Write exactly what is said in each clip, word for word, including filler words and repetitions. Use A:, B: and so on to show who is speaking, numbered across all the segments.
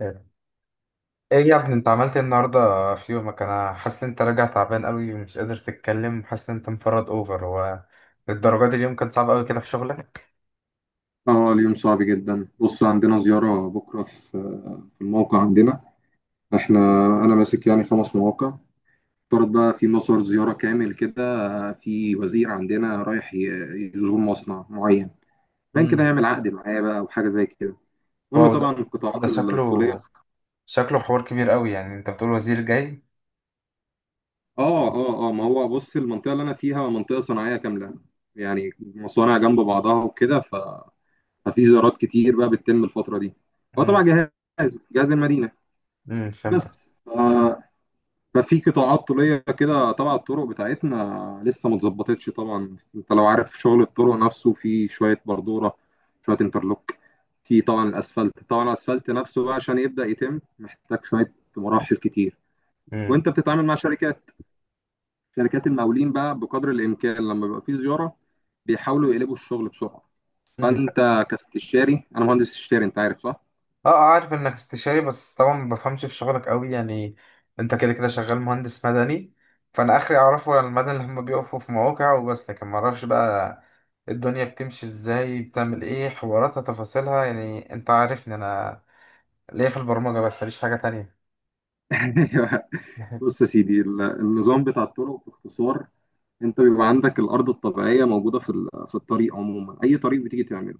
A: ايه يا ابني، انت عملت ايه النهارده في يومك؟ انا حاسس ان انت راجع تعبان قوي ومش قادر تتكلم، حاسس ان انت مفرد اوفر. هو للدرجه دي اليوم كان صعب قوي كده في شغلك؟
B: اه، اليوم صعب جدا. بص، عندنا زيارة بكرة في في الموقع عندنا. احنا انا ماسك يعني خمس مواقع. افترض بقى في مصر زيارة كامل كده، في وزير عندنا رايح ي- يزور مصنع معين، كان كده
A: امم
B: يعمل عقد معاه بقى او حاجة زي كده. المهم،
A: واو، ده
B: طبعا
A: ده
B: القطاعات
A: شكله،
B: الطولية.
A: شكله حوار كبير قوي. يعني انت بتقول وزير جاي؟
B: اه اه اه ما هو بص، المنطقة اللي انا فيها منطقة صناعية كاملة، يعني مصانع جنب بعضها وكده، ف... ففي زيارات كتير بقى بتتم الفترة دي. هو طبعا
A: امم
B: جهاز جهاز المدينة
A: امم، فهمتك.
B: بس. ففي قطاعات طوليه كده تبع الطرق بتاعتنا لسه ما اتظبطتش. طبعا انت لو عارف شغل الطرق نفسه، في شويه بردوره، شويه انترلوك، في طبعا الاسفلت. طبعا الاسفلت نفسه بقى عشان يبدا يتم محتاج شويه مراحل كتير. وانت بتتعامل مع شركات شركات المقاولين بقى، بقدر الامكان لما بيبقى في زياره بيحاولوا يقلبوا الشغل بسرعه.
A: امم
B: فانت كاستشاري، انا مهندس استشاري انت عارف، صح؟
A: اه اه، عارف انك استشاري، بس طبعا ما بفهمش في شغلك قوي يعني. انت كده كده شغال مهندس مدني، فانا اخري اعرفه عن المدني اللي هم بيقفوا في مواقع وبس، لكن ما اعرفش بقى الدنيا بتمشي ازاي، بتعمل ايه، حواراتها، تفاصيلها. يعني انت عارفني، انا ليا في البرمجة بس ماليش حاجة تانية.
B: بص يا سيدي، ال- النظام بتاع الطرق باختصار: انت بيبقى عندك الارض الطبيعيه موجوده في ال- في الطريق عموما، اي طريق بتيجي تعمله.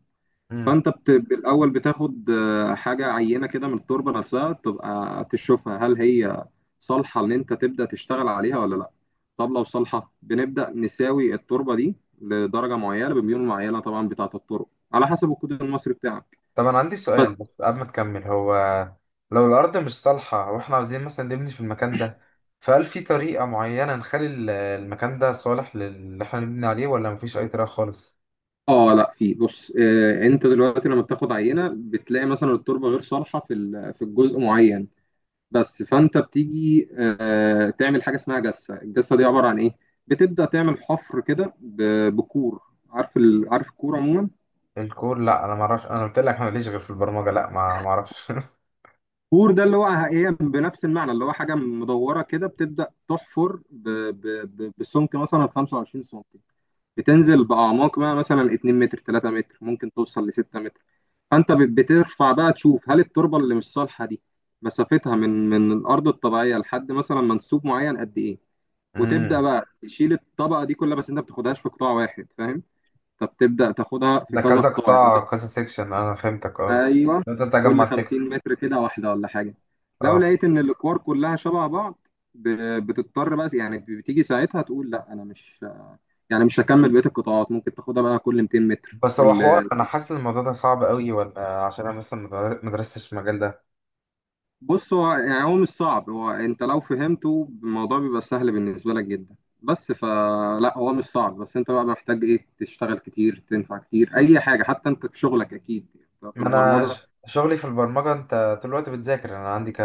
A: امم
B: فانت بت... بالاول بتاخد آه، حاجه عينه كده من التربه نفسها، تبقى تشوفها هل هي صالحه ان انت تبدا تشتغل عليها ولا لا. طب لو صالحه، بنبدا نساوي التربه دي لدرجه معينه بميول معينه، طبعا بتاعه الطرق على حسب الكود المصري بتاعك،
A: طب انا عندي
B: بس.
A: سؤال بس قبل ما تكمل. هو لو الارض مش صالحة واحنا عاوزين مثلا نبني في المكان ده، فهل في طريقة معينة نخلي ال- المكان ده صالح للي احنا نبني عليه، ولا مفيش اي طريقة خالص؟
B: اه، لا، في. بص آه انت دلوقتي لما بتاخد عينه بتلاقي مثلا التربه غير صالحه في ال- في الجزء معين، بس. فانت بتيجي آه، تعمل حاجه اسمها جسه. الجسه دي عباره عن ايه؟ بتبدا تعمل حفر كده ب- بكور. عارف ال... عارف الكور عموما؟
A: الكور، لا انا ما اعرفش، انا قلت لك انا ماليش غير في البرمجه، لا ما ما اعرفش.
B: كور ده اللي هو ايه، بنفس المعنى اللي هو حاجه مدوره كده، بتبدا تحفر ب... ب... ب... بسمك مثلا خمسة وعشرين سم، بتنزل باعماق بقى مثلا اتنين متر، ثلاثة متر، ممكن توصل ل ستة متر. فانت بت- بترفع بقى تشوف هل التربه اللي مش صالحه دي مسافتها من من الارض الطبيعيه لحد مثلا منسوب معين قد ايه. وتبدا
A: امم
B: بقى تشيل الطبقه دي كلها، بس انت ما بتاخدهاش في قطاع واحد، فاهم؟ فبتبدا تاخدها في
A: ده
B: كذا
A: كذا
B: قطاع يعني، بس.
A: قطاع كذا سيكشن، انا فهمتك اه.
B: ايوه،
A: انت تجمع
B: كل
A: الفكره،
B: خمسين متر كده واحده ولا حاجه. لو
A: اه.
B: لقيت ان الاكوار كلها شبه بعض، ب- بتضطر بقى، يعني بتيجي ساعتها تقول لا، انا مش يعني مش هكمل بقيه القطاعات، ممكن تاخدها بقى كل ميتين متر،
A: بس هو حوار،
B: كل.
A: انا حاسس ان الموضوع ده صعب قوي، ولا عشان انا مثلا ما ما درستش المجال ده؟
B: بص هو يعني هو مش صعب، هو انت لو فهمته الموضوع بيبقى سهل بالنسبه لك جدا، بس. فلا، هو مش صعب، بس انت بقى محتاج ايه، تشتغل كتير، تنفع كتير اي حاجه، حتى انت في شغلك اكيد، يعني في
A: ما انا
B: البرمجه،
A: ش- شغلي في البرمجه. انت طول الوقت بتذاكر، انا عندي ك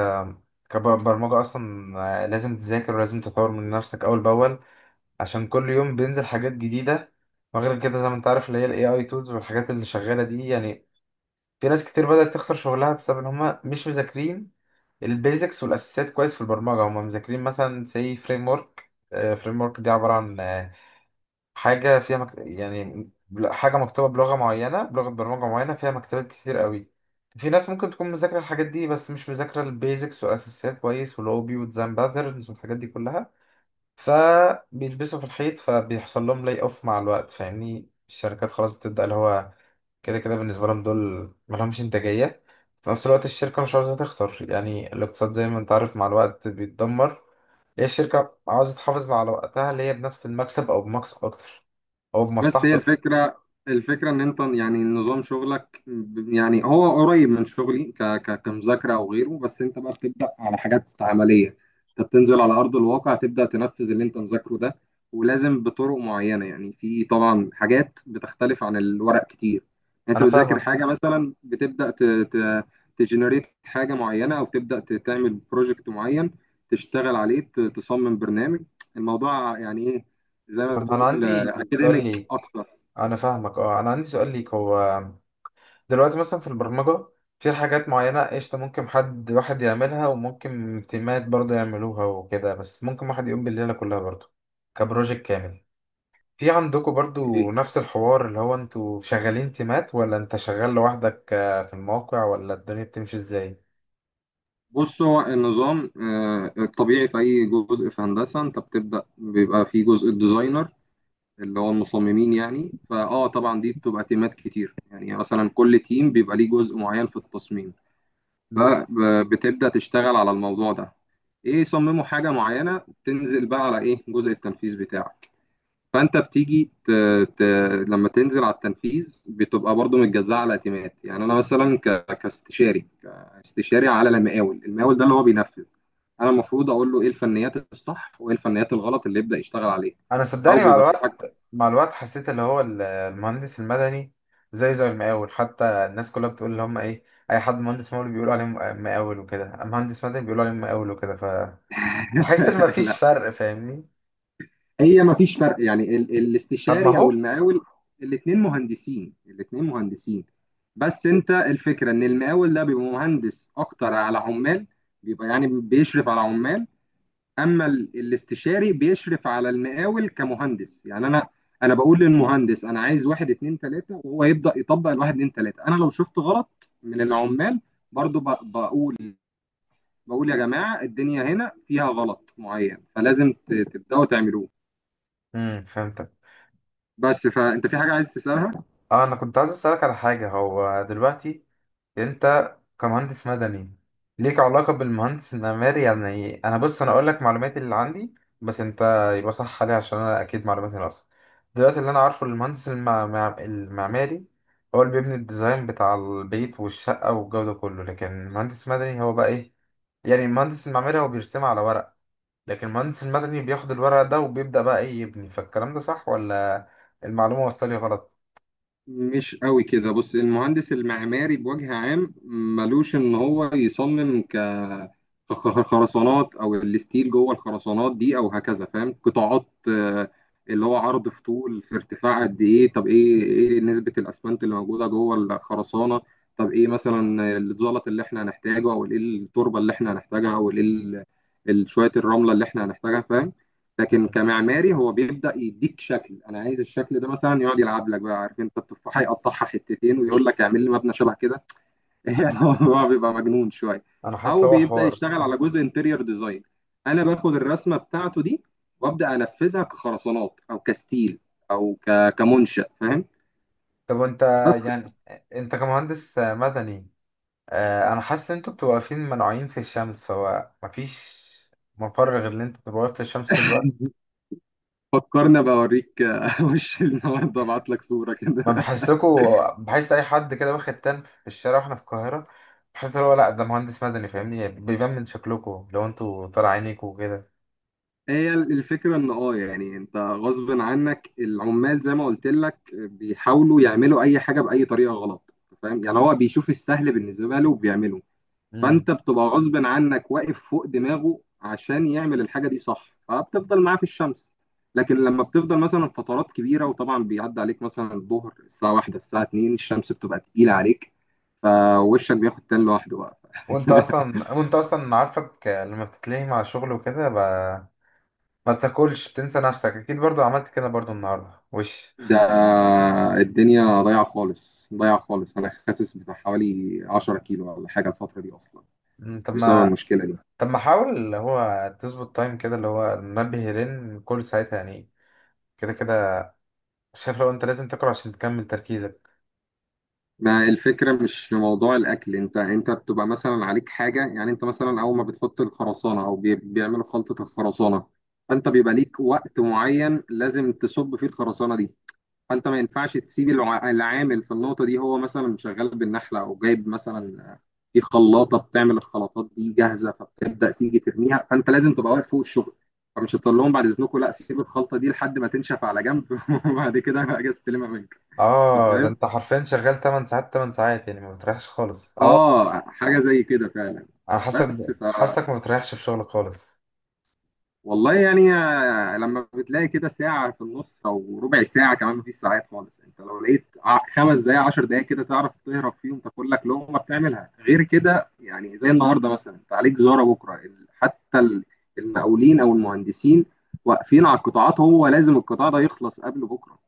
A: كبرمجه اصلا آه، لازم تذاكر ولازم تطور من نفسك اول باول، عشان كل يوم بينزل حاجات جديده. وغير كده زي ما انت عارف اللي هي الاي اي تولز والحاجات اللي شغاله دي يعني، في ناس كتير بدأت تخسر شغلها بسبب ان هم مش مذاكرين البيزكس والاساسيات كويس. في البرمجه هم مذاكرين مثلا زي فريم ورك، فريم ورك دي عباره عن آه، حاجه فيها مك... يعني بل- حاجه مكتوبه بلغه معينه، بلغه برمجه معينه، فيها مكتبات كتير قوي. في ناس ممكن تكون مذاكره الحاجات دي، بس مش مذاكره البيزكس والاساسيات كويس، ولوبي وديزاين باترنز والحاجات دي كلها، فبيلبسوا في الحيط، فبيحصل لهم لاي اوف مع الوقت. فاهمني، الشركات خلاص بتبدأ اللي هو كده كده بالنسبة لهم دول ملهمش إنتاجية. في نفس الوقت الشركة مش عاوزة تخسر، يعني الاقتصاد زي ما أنت عارف مع الوقت بيتدمر. هي الشركة عاوزة تحافظ على وقتها، اللي هي بنفس المكسب أو بمكسب أكتر، أو
B: بس. هي
A: بمصلحته.
B: الفكرة، الفكرة إن أنت يعني نظام شغلك ب- يعني هو قريب من شغلي ك ك كمذاكرة أو غيره، بس أنت بقى بتبدأ على حاجات عملية، أنت بتنزل على أرض الواقع، تبدأ تنفذ اللي أنت مذاكره ده، ولازم بطرق معينة. يعني في طبعا حاجات بتختلف عن الورق كتير. يعني أنت
A: أنا
B: بتذاكر
A: فاهمك.
B: حاجة مثلا، بتبدأ ت ت تجنريت حاجة معينة، أو تبدأ ت- تعمل بروجكت معين، تشتغل عليه، ت- تصمم برنامج. الموضوع يعني إيه، زي ما
A: طب أنا
B: بتقول
A: عندي سؤال
B: أكاديميك.
A: ليك.
B: اكتر.
A: أنا فاهمك أه، أنا عندي سؤال ليك. هو دلوقتي مثلا في البرمجة في حاجات معينة، قشطة، ممكن حد واحد يعملها، وممكن تيمات برضه يعملوها وكده، بس ممكن واحد يقوم بالليلة كلها برضه كبروجيكت كامل. في عندكم
B: ايه،
A: برضو نفس الحوار اللي هو انتوا شغالين تيمات، ولا انت شغال لوحدك آه، في الموقع، ولا الدنيا بتمشي ازاي؟
B: بص هو النظام آه، الطبيعي في اي جزء في هندسه انت بتبدا بيبقى في جزء الديزاينر، اللي هو المصممين يعني. فاه طبعا دي بتبقى تيمات كتير، يعني مثلا كل تيم بيبقى ليه جزء معين في التصميم،
A: مم.
B: فبتبدا تشتغل على الموضوع ده. ايه، يصمموا حاجه معينه، تنزل بقى على ايه، جزء التنفيذ بتاعك. فانت بتيجي ت... ت... لما تنزل على التنفيذ بتبقى برضو متجزأة على تيمات. يعني انا مثلا ك... كاستشاري كاستشاري على المقاول، المقاول ده اللي هو بينفذ. انا المفروض اقول له ايه الفنيات الصح وايه الفنيات الغلط اللي يبدأ يشتغل عليها،
A: انا
B: او
A: صدقني مع
B: بيبقى في حاجه.
A: الوقت، مع الوقت حسيت اللي هو ال- المهندس المدني زي زي المقاول. حتى الناس كلها بتقول اللي هم ايه، اي حد مهندس مقاول بيقولوا عليه م- مقاول وكده، مهندس مدني بيقولوا عليه مقاول وكده، فحس ان مفيش
B: لا،
A: فرق. فاهمني؟
B: هي ما فيش فرق يعني، ال...
A: طب ما
B: الاستشاري او
A: هو،
B: المقاول الاثنين مهندسين، الاثنين مهندسين. بس انت الفكره ان المقاول ده بيبقى مهندس اكتر على عمال، بيبقى يعني بيشرف على عمال. اما ال- الاستشاري بيشرف على المقاول كمهندس. يعني انا انا بقول للمهندس انا عايز واحد اتنين تلاته، وهو يبدا يطبق الواحد اتنين تلاته. انا لو شفت غلط من العمال برضو ب- بقول بقول يا جماعه الدنيا هنا فيها غلط معين فلازم ت- تبداوا تعملوه،
A: امم، فهمتك.
B: بس. فانت في حاجه عايز تسالها؟
A: اه انا كنت عايز اسالك على حاجه. هو دلوقتي انت كمهندس مدني، ليك علاقة بالمهندس المعماري؟ يعني انا، بص انا اقول لك معلوماتي اللي عندي، بس انت يبقى صح عليها عشان انا اكيد معلوماتي ناقصة. دلوقتي اللي انا عارفه المهندس المع... مع- المعماري هو اللي بيبني الديزاين بتاع البيت والشقة والجو ده كله، لكن المهندس المدني هو بقى ايه؟ يعني المهندس المعماري هو بيرسمها على ورق، لكن المهندس المدني بياخد الورق ده وبيبدأ بقى ايه، يبني. فالكلام ده صح، ولا المعلومة وصلت لي غلط؟
B: مش قوي كده. بص، المهندس المعماري بوجه عام ملوش ان هو يصمم ك خ- خرسانات او الستيل جوه الخرسانات دي او هكذا، فاهم؟ قطاعات آه، اللي هو عرض في طول في ارتفاع قد ايه. طب ايه ايه نسبة الاسمنت اللي موجودة جوه الخرسانة؟ طب ايه مثلا الزلط اللي احنا هنحتاجه، او ايه التربة اللي احنا هنحتاجها، او ايه ال- ال- شوية الرملة اللي احنا هنحتاجها، فاهم؟ لكن كمعماري هو بيبدا يديك شكل، انا عايز الشكل ده مثلا، يقعد يلعب لك بقى، عارف انت التفاحه يقطعها حتتين ويقول لك اعمل لي مبنى شبه كده. يعني هو بيبقى مجنون شويه.
A: انا حاسس
B: او
A: لو هو
B: بيبدا
A: حوار.
B: يشتغل على جزء انتيريور ديزاين. انا باخد الرسمه بتاعته دي وابدا انفذها كخرسانات او كستيل او ك... كمنشا، فاهم؟
A: طب وانت
B: بس.
A: يعني، انت كمهندس مدني اه، انا حاسس ان انتوا بتبقوا واقفين منوعين في الشمس، فهو مفيش مفر غير ان انت تبقى واقف في الشمس طول الوقت.
B: فكرنا بوريك. وش النهارده ابعت لك صوره كده.
A: ما بحسكوا، بحس اي حد كده واخد تن في الشارع واحنا في القاهرة، بحس ان هو لا ده مهندس مدني. فاهمني؟ بيبان من شكلكوا لو انتوا طالع عينيكوا وكده.
B: هي الفكرة ان اه يعني انت غصب عنك العمال زي ما قلت لك بيحاولوا يعملوا اي حاجة بأي طريقة غلط، فاهم؟ يعني هو بيشوف السهل بالنسبة له وبيعمله.
A: امم
B: فانت بتبقى غصب عنك واقف فوق دماغه عشان يعمل الحاجة دي صح، فبتفضل معاه في الشمس. لكن لما بتفضل مثلا فترات كبيرة وطبعا بيعدي عليك مثلا الظهر الساعة واحدة الساعة اتنين، الشمس بتبقى تقيلة عليك، فوشك بياخد تان لوحده بقى.
A: وانت اصلا، وانت اصلا عارفك لما بتتلهي مع الشغل وكده ب... ما بتاكلش، بتنسى نفسك اكيد. برضو عملت كده برضو النهارده وش
B: ده الدنيا ضايعة خالص، ضايعة خالص. أنا خاسس بتاع حوالي عشرة كيلو ولا حاجة الفترة دي أصلا،
A: مم، طب
B: بسبب
A: ما،
B: المشكلة دي.
A: طب ما حاول اللي هو تظبط تايم كده اللي هو منبه لين كل ساعتها يعني، كده كده شايف لو انت لازم تقرا عشان تكمل تركيزك.
B: ما الفكرة مش في موضوع الأكل. أنت أنت بتبقى مثلا عليك حاجة، يعني أنت مثلا أول ما بتحط الخرسانة أو بي- بيعملوا خلطة الخرسانة، فأنت بيبقى ليك وقت معين لازم تصب فيه الخرسانة دي، فانت ما ينفعش تسيب الع- العامل في النقطه دي. هو مثلا شغال بالنحله او جايب مثلا في خلاطه بتعمل الخلاطات دي جاهزه، فبتبدا تيجي ترميها، فانت لازم تبقى واقف فوق الشغل. فمش هتقول لهم بعد اذنكم لا، سيب الخلطه دي لحد ما تنشف على جنب. وبعد كده اجي استلمها منك. انت
A: اه ده
B: فاهم.
A: انت حرفيا شغال تمن ساعات، تمن ساعات، يعني ما بتريحش خالص اه.
B: اه، حاجه زي كده فعلا،
A: انا حاسك،
B: بس.
A: حاسك ما بتريحش في شغلك خالص.
B: والله يعني آه، لما بتلاقي كده ساعة في النص أو ربع ساعة كمان، مفيش ساعات خالص. أنت لو لقيت ع- خمس دقايق عشر دقايق كده تعرف تهرب فيهم تاكل لك لقمة، بتعملها، غير كده يعني. زي النهاردة مثلا أنت عليك زيارة بكرة، ال- حتى ال- المقاولين أو المهندسين واقفين على القطاعات، هو لازم القطاع ده يخلص قبل بكرة،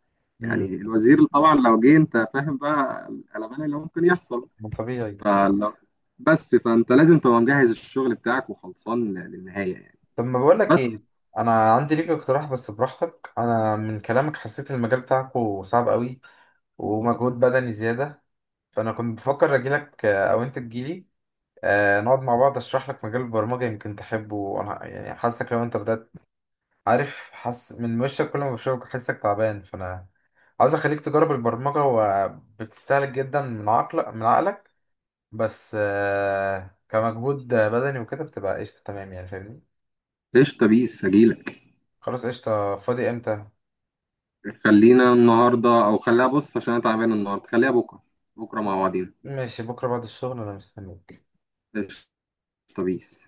A: امم
B: يعني الوزير طبعا لو جه أنت فاهم بقى القلبان اللي ممكن يحصل.
A: ما طبيعي.
B: فلو بس فأنت لازم تبقى مجهز الشغل بتاعك وخلصان للنهاية يعني،
A: طب ما بقول لك
B: بس.
A: ايه، انا عندي ليك اقتراح بس براحتك. انا من كلامك حسيت المجال بتاعكو صعب قوي ومجهود بدني زياده، فانا كنت بفكر اجيلك آه، او انت تجيلي، آه، نقعد مع بعض اشرح لك مجال البرمجة يمكن تحبه. وانا يعني حاسك لو انت بدأت، عارف، حاسس من وشك كل ما بشوفك حاسسك تعبان، فانا عاوز اخليك تجرب البرمجة. وبتستهلك جدا من عقلك، من عقلك، بس آه، كمجهود بدني وكده بتبقى قشطة تمام، يعني فاهمني.
B: قشطة، بيس هجيلك.
A: خلاص قشطة، فاضي امتى؟
B: خلينا النهاردة، أو خليها، بص عشان أنا تعبان النهاردة خليها بكرة، بكرة مع بعضينا.
A: ماشي، بكرة بعد الشغل انا مستنيك.
B: قشطة، بيس.